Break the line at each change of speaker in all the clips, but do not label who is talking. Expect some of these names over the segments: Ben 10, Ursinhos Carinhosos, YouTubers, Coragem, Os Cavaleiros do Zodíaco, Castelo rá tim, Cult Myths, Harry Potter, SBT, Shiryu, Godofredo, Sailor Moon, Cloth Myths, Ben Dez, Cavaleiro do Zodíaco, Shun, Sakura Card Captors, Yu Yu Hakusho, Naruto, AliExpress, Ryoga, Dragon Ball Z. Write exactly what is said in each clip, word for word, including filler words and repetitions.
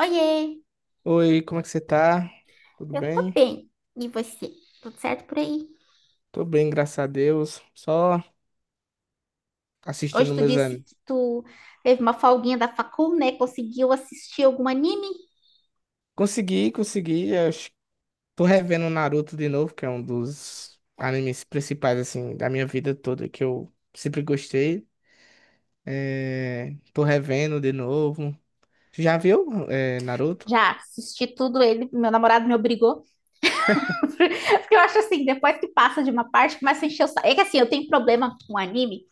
Oiê,
Oi, como é que você tá? Tudo
eu tô
bem?
bem. E você? Tudo certo por aí?
Tô bem, graças a Deus. Só
Hoje
assistindo
tu
meus
disse
animes.
que tu teve uma folguinha da facul, né? Conseguiu assistir algum anime?
Consegui, consegui. Eu acho- tô revendo Naruto de novo, que é um dos animes principais, assim, da minha vida toda, que eu sempre gostei. É, tô revendo de novo. Já viu, é, Naruto?
Já assisti tudo ele, meu namorado me obrigou. Porque eu acho assim, depois que passa de uma parte, começa a encher o saco. É que assim, eu tenho problema com anime,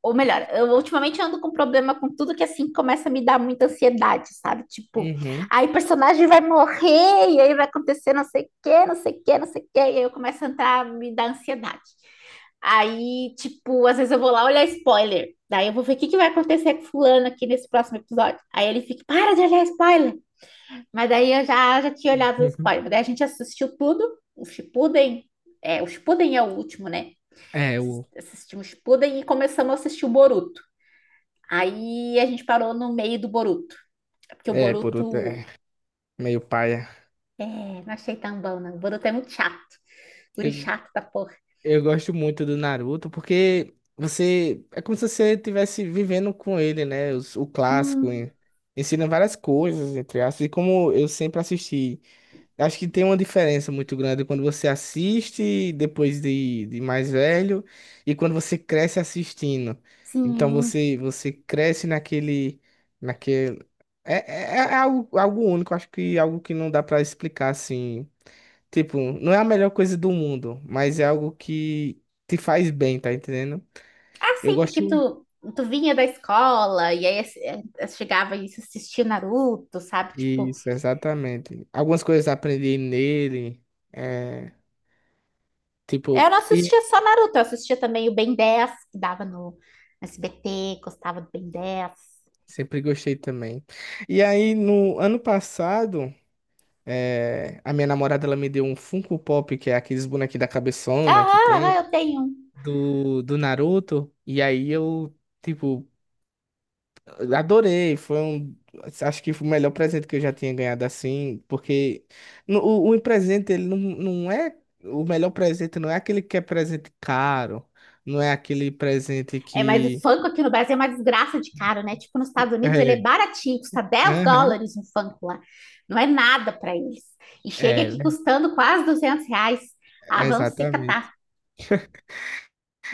ou melhor, eu ultimamente ando com problema com tudo que assim começa a me dar muita ansiedade, sabe? Tipo,
Uhum.
aí o personagem vai morrer, e aí vai acontecer não sei o quê, não sei o quê, não sei o quê, e aí eu começo a entrar, me dá ansiedade. Aí, tipo, às vezes eu vou lá olhar spoiler. Daí eu vou ver o que que vai acontecer com fulano aqui nesse próximo episódio. Aí ele fica, para de olhar spoiler. Mas daí eu já, já tinha olhado o spoiler. Daí a gente assistiu tudo, o Shippuden. É, o Shippuden é o último, né?
É,
Assis-
o...
Assistimos o Shippuden e começamos a assistir o Boruto. Aí a gente parou no meio do Boruto, é porque o
É, Boruto
Boruto,
é meio paia.
é, não achei tão bom, não. O Boruto é muito chato, guri chato da porra.
Eu gosto muito do Naruto porque você é como se você estivesse vivendo com ele, né? Os- O clássico
Sim,
en- ensina várias coisas, entre aspas. E como eu sempre assisti, acho que tem uma diferença muito grande quando você assiste depois de, de mais velho e quando você cresce assistindo. Então
sim.
você você cresce naquele naquele é, é, é algo, algo único, acho que algo que não dá pra explicar assim. Tipo, não é a melhor coisa do mundo, mas é algo que te faz bem, tá entendendo?
Ah,
Eu
sim, porque
gosto.
tu, tu vinha da escola e aí ass- eh, eh, chegava e assistia Naruto, sabe? Tipo,
Isso, exatamente. Algumas coisas aprendi nele, é,
eu
tipo,
não assistia
e
só Naruto, eu assistia também o Ben dez, que dava no S B T, gostava do Ben dez.
sempre gostei também. E aí, no ano passado, é, a minha namorada ela me deu um Funko Pop, que é aqueles bonequinhos da
Ah,
cabeçona que
ah, ah,
tem,
eu tenho um.
do, do Naruto, e aí eu. Tipo, eu adorei, foi um. Acho que foi o melhor presente que eu já tinha ganhado assim, porque no- o, o presente, ele não, não é. O melhor presente não é aquele que é presente caro, não é aquele presente
É, mas o
que.
Funko aqui no Brasil é uma desgraça de caro, né? Tipo, nos Estados Unidos ele é
É,
baratinho, custa dez
aham,
dólares um Funko lá. Não é nada para eles. E chega aqui
é,
custando quase duzentos reais. Ah, vamos se catar.
exatamente.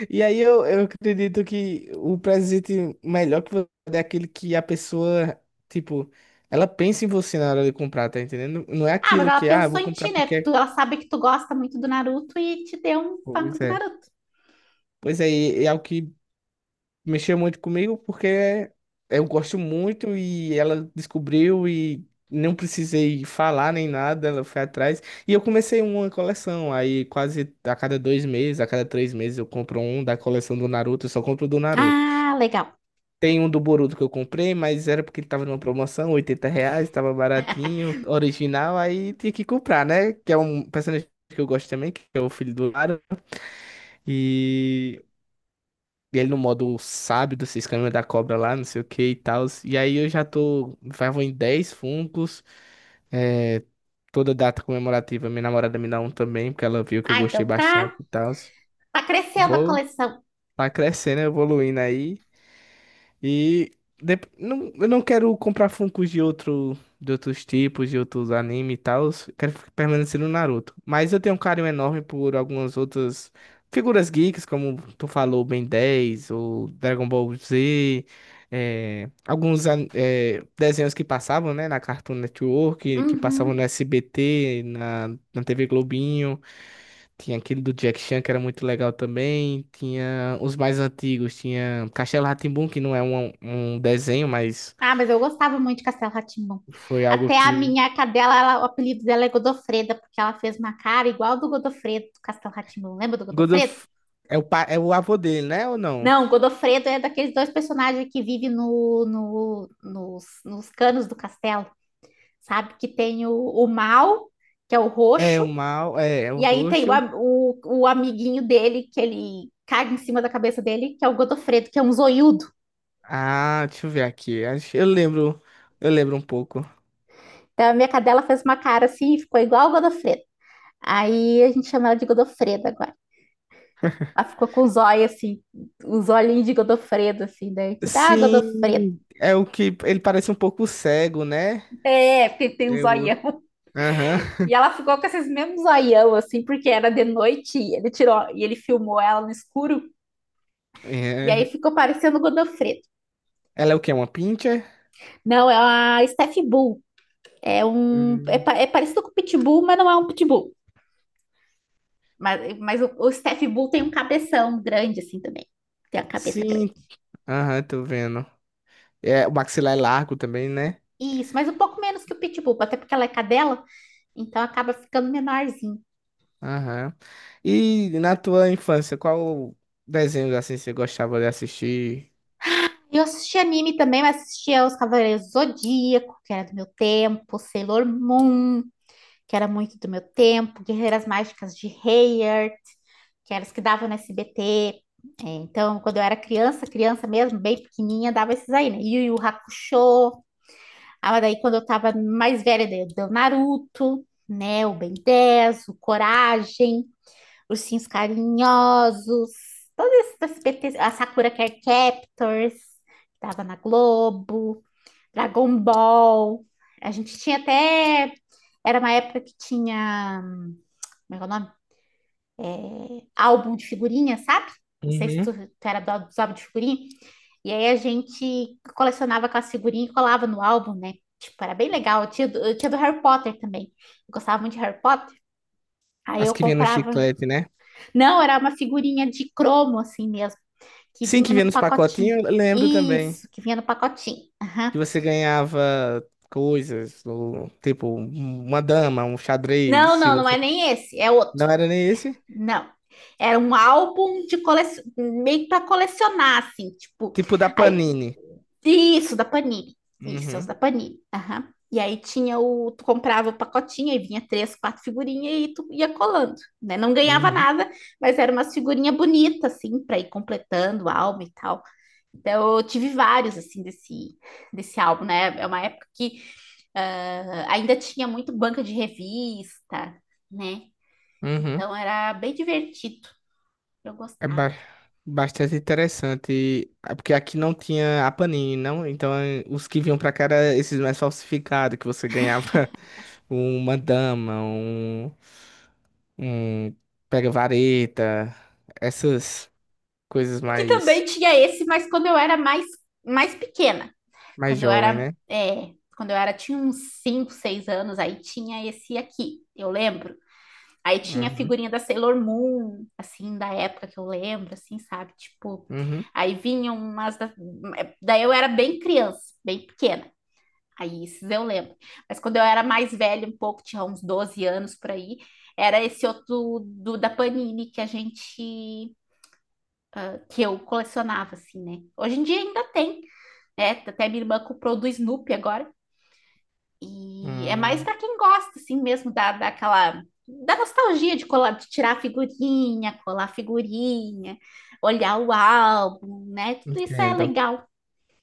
E aí eu, eu acredito que o presente melhor que você dá é aquele que a pessoa, tipo, ela pensa em você na hora de comprar, tá entendendo? Não é
Ah, mas
aquilo
ela
que, ah, eu
pensou
vou
em
comprar
ti, né?
porque.
Porque
é-
tu- ela sabe que tu gosta muito do Naruto e te deu um Funko
Pois
do
é.
Naruto.
Pois é, e é o que mexeu muito comigo porque eu gosto muito e ela descobriu e não precisei falar nem nada, ela foi atrás. E eu comecei uma coleção, aí quase a cada dois meses, a cada três meses eu compro um da coleção do Naruto, eu só compro do Naruto.
Ah, legal.
Tem um do Boruto que eu comprei, mas era porque ele tava numa promoção, oitenta reais, tava baratinho, original, aí tinha que comprar, né? Que é um personagem que eu gosto também, que é o filho do Naruto. E e ele no modo sábio dos seis caminhos da cobra lá, não sei o que e tal. E aí eu já tô. Já vou em dez funcos. É, toda data comemorativa, minha namorada me dá um também, porque ela viu que eu
Ah,
gostei
então tá,
bastante e tal.
tá crescendo a
Vou
coleção.
tá crescendo, evoluindo aí. E dep- não, eu não quero comprar Funkos de outro, de outros tipos, de outros anime e tal. Quero fi- permanecer no Naruto. Mas eu tenho um carinho enorme por algumas outras figuras geeks, como tu falou, Ben dez ou Dragon Ball Z. eh, alguns an- eh, desenhos que passavam, né, na Cartoon Network, que passavam no
Uhum.
S B T, na, na T V Globinho. Tinha aquele do Jack Chan, que era muito legal também. Tinha os mais antigos. Tinha Castelo rá que não é um, um desenho, mas
Ah, mas eu gostava muito de Castelo rá tim
foi algo
Até a
que.
minha cadela, ela- o apelido dela é Godofreda, porque ela fez uma cara igual do Godofredo, do Castelo rá tim Lembra do
God
Godofredo?
of... é o, pa... é o avô dele, né? Ou não?
Não, o Godofredo é daqueles dois personagens que vivem no, no- nos, nos canos do castelo, sabe? Que tem o, o mal, que é o
É
roxo,
o mal, é, é o
e aí tem o,
roxo.
am- o, o amiguinho dele, que ele caga em cima da cabeça dele, que é o Godofredo, que é um zoiudo.
Ah, deixa eu ver aqui. Acho- Eu lembro, eu lembro um pouco.
Então a minha cadela fez uma cara assim e ficou igual o Godofredo. Aí a gente chama ela de Godofreda agora. Ela ficou com os olhos assim, os olhinhos de Godofredo, assim, daí eu disse, ah, Godofredo,
Sim, é o que ele parece um pouco cego, né?
é, tem, tem um
Eu,
zoião.
aham.
E ela ficou com esses mesmos zoião, assim, porque era de noite e ele tirou, e ele filmou ela no escuro, e aí
É.
ficou parecendo Godofredo.
Ela é o que? Uma pincher?
Não, é uma Steph Bull, é um, é,
Hum,
pa- é parecido com o Pitbull, mas não é um Pitbull. Mas, mas o, o Steph Bull tem um cabeção grande, assim, também. Tem a cabeça grande.
Sim, aham, tô vendo. É, o maxilar é largo também, né?
Isso, mas um pouco menos que o Pitbull, até porque ela é cadela, então acaba ficando menorzinho.
Aham. E na tua infância, qual desenhos assim você gostava de assistir?
Eu assistia anime também, mas assistia Os Cavaleiros do Zodíaco, que era do meu tempo, Sailor Moon, que era muito do meu tempo, Guerreiras Mágicas de Heyer, que eram as que davam no S B T. É, então, quando eu era criança, criança mesmo, bem pequenininha, dava esses aí, né? Yu Yu Hakusho. Ah, daí quando eu tava mais velha, daí deu Naruto, né? O Ben dez, o Coragem. Ursinhos Carinhosos, todos esses S B T, a Sakura Card Captors, que tava na Globo, Dragon Ball. A gente tinha até. Era uma época que tinha. Como é é o nome? Álbum de figurinha, sabe? Não sei se
Uhum.
tu, tu era do, dos álbuns de figurinha. E aí a gente colecionava aquelas figurinhas e colava no álbum, né? Tipo, era bem legal. Eu tinha, do- eu tinha do Harry Potter também. Eu gostava muito de Harry Potter. Aí
As
eu
que vinha no
comprava.
chiclete, né?
Não, era uma figurinha de cromo, assim mesmo, que
Sim, que
vinha
vinha
num
nos
pacotinho.
pacotinhos, eu lembro também.
Isso, que vinha no pacotinho.
Que
Aham.
você ganhava coisas, ou, tipo, uma dama, um xadrez,
Não,
se
não, não é
você...
nem esse, é outro.
Não era nem esse?
Não. Era um álbum de coleção, meio para colecionar, assim, tipo,
Tipo da
aí,
Panini.
isso, da Panini. Isso, os
Uhum,
da Panini. Aham. E aí tinha o, tu comprava o pacotinho, aí vinha três, quatro figurinhas e tu ia colando, né? Não ganhava
uhum,
nada, mas era umas figurinha bonita, assim, para ir completando o álbum e tal. Então, eu tive vários, assim, desse, desse álbum, né? É uma época que ah, ainda tinha muito banca de revista, né?
uhum.
Então, era bem divertido. Eu
É
gostava.
ba- Bastante interessante. Ah, porque aqui não tinha a Panini, não? Então eh, os que vinham pra cá eram esses mais falsificados, que você ganhava uma dama, um, um pega-vareta, essas coisas
Que também
mais,
tinha esse, mas quando eu era mais, mais pequena.
mais
Quando eu
jovem,
era,
né?
é, quando eu era, tinha uns cinco seis anos, aí tinha esse aqui, eu lembro. Aí tinha a
Uhum,
figurinha da Sailor Moon, assim, da época que eu lembro, assim, sabe? Tipo,
uhum,
aí vinham umas. Da... é, Daí eu era bem criança, bem pequena. Aí esses eu lembro. Mas quando eu era mais velha, um pouco, tinha uns doze anos por aí, era esse outro do, da Panini que a gente. Que eu colecionava, assim, né? Hoje em dia ainda tem, né? Até minha irmã comprou do Snoopy agora. E é mais
hum,
para quem gosta, assim, mesmo da, daquela, da nostalgia de colar, de tirar figurinha, colar figurinha, olhar o álbum, né? Tudo isso é
entendo,
legal.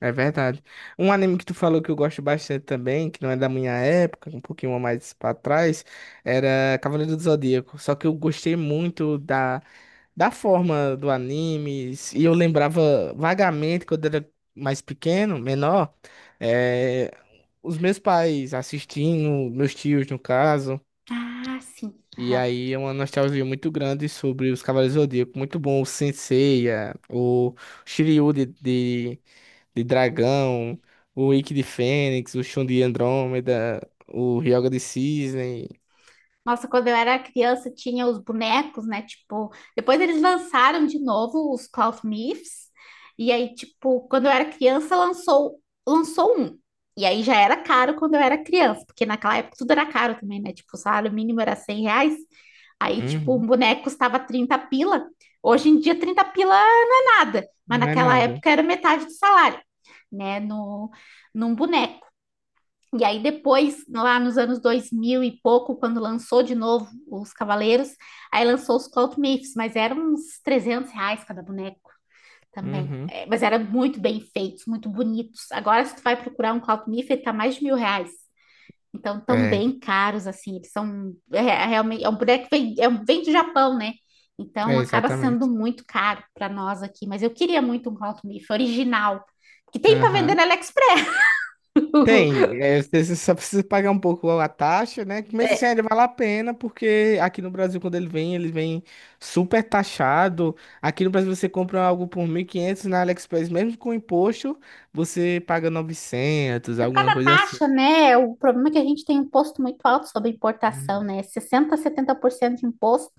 é verdade. Um anime que tu falou que eu gosto bastante também, que não é da minha época, um pouquinho mais pra trás, era Cavaleiro do Zodíaco, só que eu gostei muito da da forma do anime, e eu lembrava vagamente quando era mais pequeno, menor, eh, os meus pais assistindo, meus tios no caso,
Ah, sim.
e aí é uma nostalgia muito grande sobre os Cavaleiros do Zodíaco, muito bom o Sensei, a- o Shiryu de, de, de dragão, o Ikki de Fênix, o Shun de Andrômeda, o Ryoga de Cisne.
Nossa, quando eu era criança tinha os bonecos, né? Tipo, depois eles lançaram de novo os Cloth Myths. E aí, tipo, quando eu era criança lançou lançou um. E aí já era caro quando eu era criança, porque naquela época tudo era caro também, né? Tipo, o salário mínimo era cem reais. Aí, tipo, um
Uhum.
boneco custava trinta pila. Hoje em dia, trinta pila é nada, mas
Não é
naquela
nada.
época era metade do salário, né? No, num boneco. E aí depois, lá nos anos dois mil e pouco, quando lançou de novo os Cavaleiros, aí lançou os Cult Myths, mas eram uns trezentos reais cada boneco também.
Uhum.
É, mas eram muito bem feitos, muito bonitos. Agora, se tu vai procurar um Cult Myth, ele tá mais de mil reais. Então, tão
É,
bem caros, assim, eles são... É, é realmente, é um boneco que vem, é um, vem do Japão, né? Então,
é
acaba sendo
Exatamente.
muito caro para nós aqui. Mas eu queria muito um Cult Myth original, que tem para vender na AliExpress.
Tem, é, você só precisa pagar um pouco a taxa, né? Que mesmo assim, ainda vale a pena, porque aqui no Brasil, quando ele vem, ele vem super taxado. Aqui no Brasil, você compra algo por mil e quinhentos na AliExpress, mesmo com imposto, você paga novecentos
É por causa
alguma
da
coisa assim.
taxa, né? O problema é que a gente tem um imposto muito alto sobre importação,
Uhum.
né? sessenta, setenta por cento de imposto.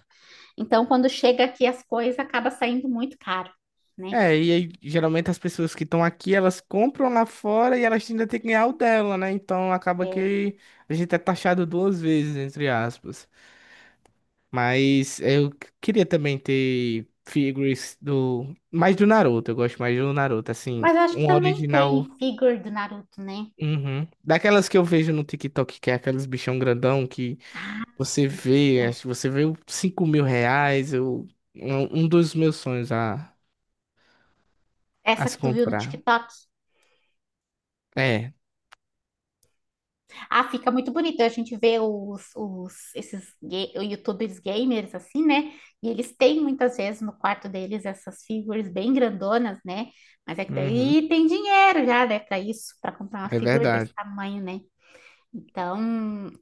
Então, quando chega aqui as coisas, acaba saindo muito caro, né?
É, e aí, geralmente as pessoas que estão aqui, elas compram lá fora e elas ainda têm que ganhar o dela, né? Então acaba
É.
que a gente é taxado duas vezes, entre aspas. Mas eu queria também ter figures do. Mais do Naruto, eu gosto mais do Naruto, assim.
Mas eu acho que
Um
também
original.
tem figure do Naruto, né?
Uhum. Daquelas que eu vejo no TikTok, que é aqueles bichão grandão que você vê, acho que você vê o cinco mil reais. Eu, é um um dos meus sonhos a, a
Essa que
se
tu viu no
comprar.
TikTok.
É.
Ah, fica muito bonito. A gente vê os, os esses ga- YouTubers gamers assim, né? E eles têm muitas vezes no quarto deles essas figures bem grandonas, né? Mas é que
Uhum.
daí tem dinheiro já, né, para isso, para comprar uma
É
figura desse
verdade.
tamanho, né? Então,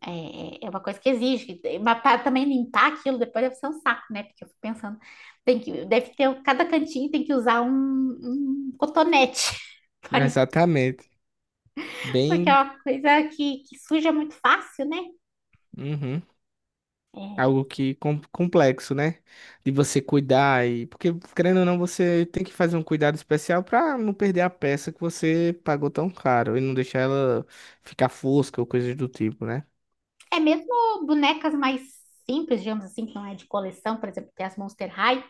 é, é é uma coisa que exige. Mas para também limpar aquilo depois deve ser um saco, né? Porque eu fico pensando, tem que, deve ter, cada cantinho tem que usar um, um cotonete. pra limpar,
Exatamente.
porque é
Bem.
uma coisa que, que suja muito fácil, né?
Uhum. Algo que com- complexo, né? De você cuidar e porque querendo ou não, você tem que fazer um cuidado especial para não perder a peça que você pagou tão caro e não deixar ela ficar fosca ou coisas do tipo, né?
É mesmo bonecas mais simples, digamos assim, que não é de coleção, por exemplo, tem as Monster High.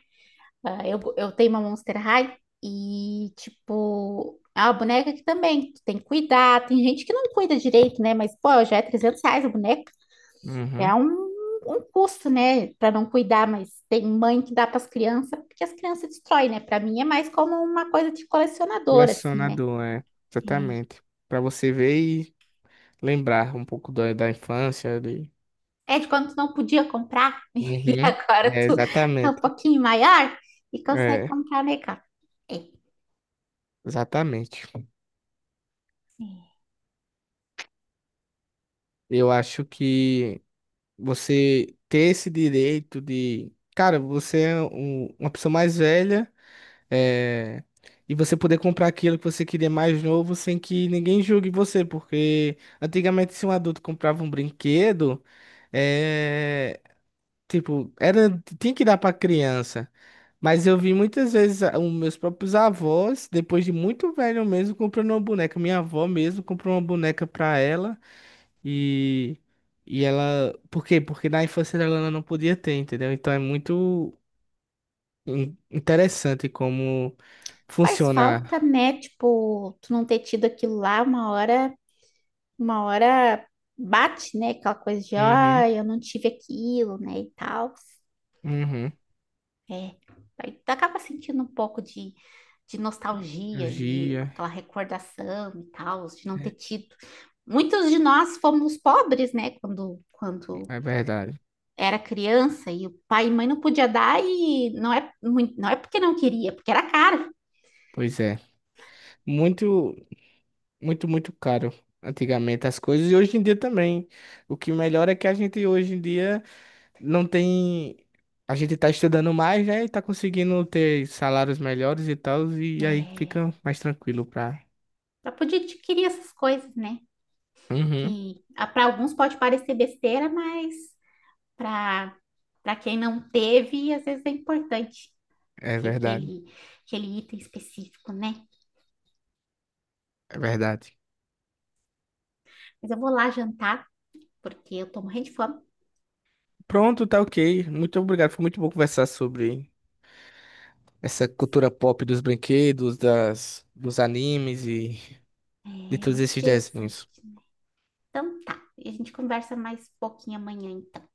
Ah, eu, eu tenho uma Monster High e, tipo, é uma boneca que também tu tem que cuidar. Tem gente que não cuida direito, né? Mas, pô, já é trezentos reais a boneca. É
Uhum.
um, um custo, né? Pra não cuidar, mas tem mãe que dá pras crianças, porque as crianças destroem, né? Pra mim é mais como uma coisa de colecionador, assim, né?
Colecionador, é, exatamente. Para você ver e lembrar um pouco da, da infância ali.
É de quando tu não podia comprar e
Uhum.
agora
É,
tu tá um
exatamente.
pouquinho maior e consegue
É,
comprar legal. É,
exatamente. Eu acho que você ter esse direito de, cara, você é um- uma pessoa mais velha, é, e você poder comprar aquilo que você queria mais novo sem que ninguém julgue você, porque antigamente se um adulto comprava um brinquedo, é, tipo, era, tinha que dar pra criança. Mas eu vi muitas vezes a- os meus próprios avós, depois de muito velho mesmo, comprando uma boneca. Minha avó mesmo comprou uma boneca pra ela. E, e ela. Por quê? Porque na infância dela ela não podia ter, entendeu? Então é muito in- interessante como
faz falta,
funciona.
né? Tipo, tu não ter tido aquilo lá uma hora, uma hora bate, né? Aquela coisa de,
Uhum,
ó, eu não tive aquilo, né? E tal.
uhum.
É, aí tu acaba sentindo um pouco de, de nostalgia e
Cirurgia,
aquela recordação e tal, de não ter tido. Muitos de nós fomos pobres, né? Quando, quando
é verdade.
era criança e o pai e mãe não podia dar e não é, mui- não é porque não queria, porque era caro.
Pois é. Muito, muito, muito caro antigamente as coisas e hoje em dia também. O que melhora é que a gente hoje em dia não tem. A gente tá estudando mais, né? E tá conseguindo ter salários melhores e tal, e aí
É,
fica mais tranquilo pra.
para poder adquirir essas coisas, né?
Uhum,
Que para alguns pode parecer besteira, mas para para quem não teve, às vezes é importante
é
ter
verdade.
aquele, aquele item específico, né?
É verdade.
Mas eu vou lá jantar, porque eu tô morrendo de fome.
Pronto, tá ok. Muito obrigado. Foi muito bom conversar sobre essa cultura pop dos brinquedos, das, dos animes e de
É
todos
muito
esses
interessante,
desenhos.
né? Então tá, e a gente conversa mais pouquinho amanhã, então.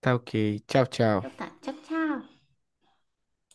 Tá ok. Tchau,
Então
tchau.
tá, tchau, tchau.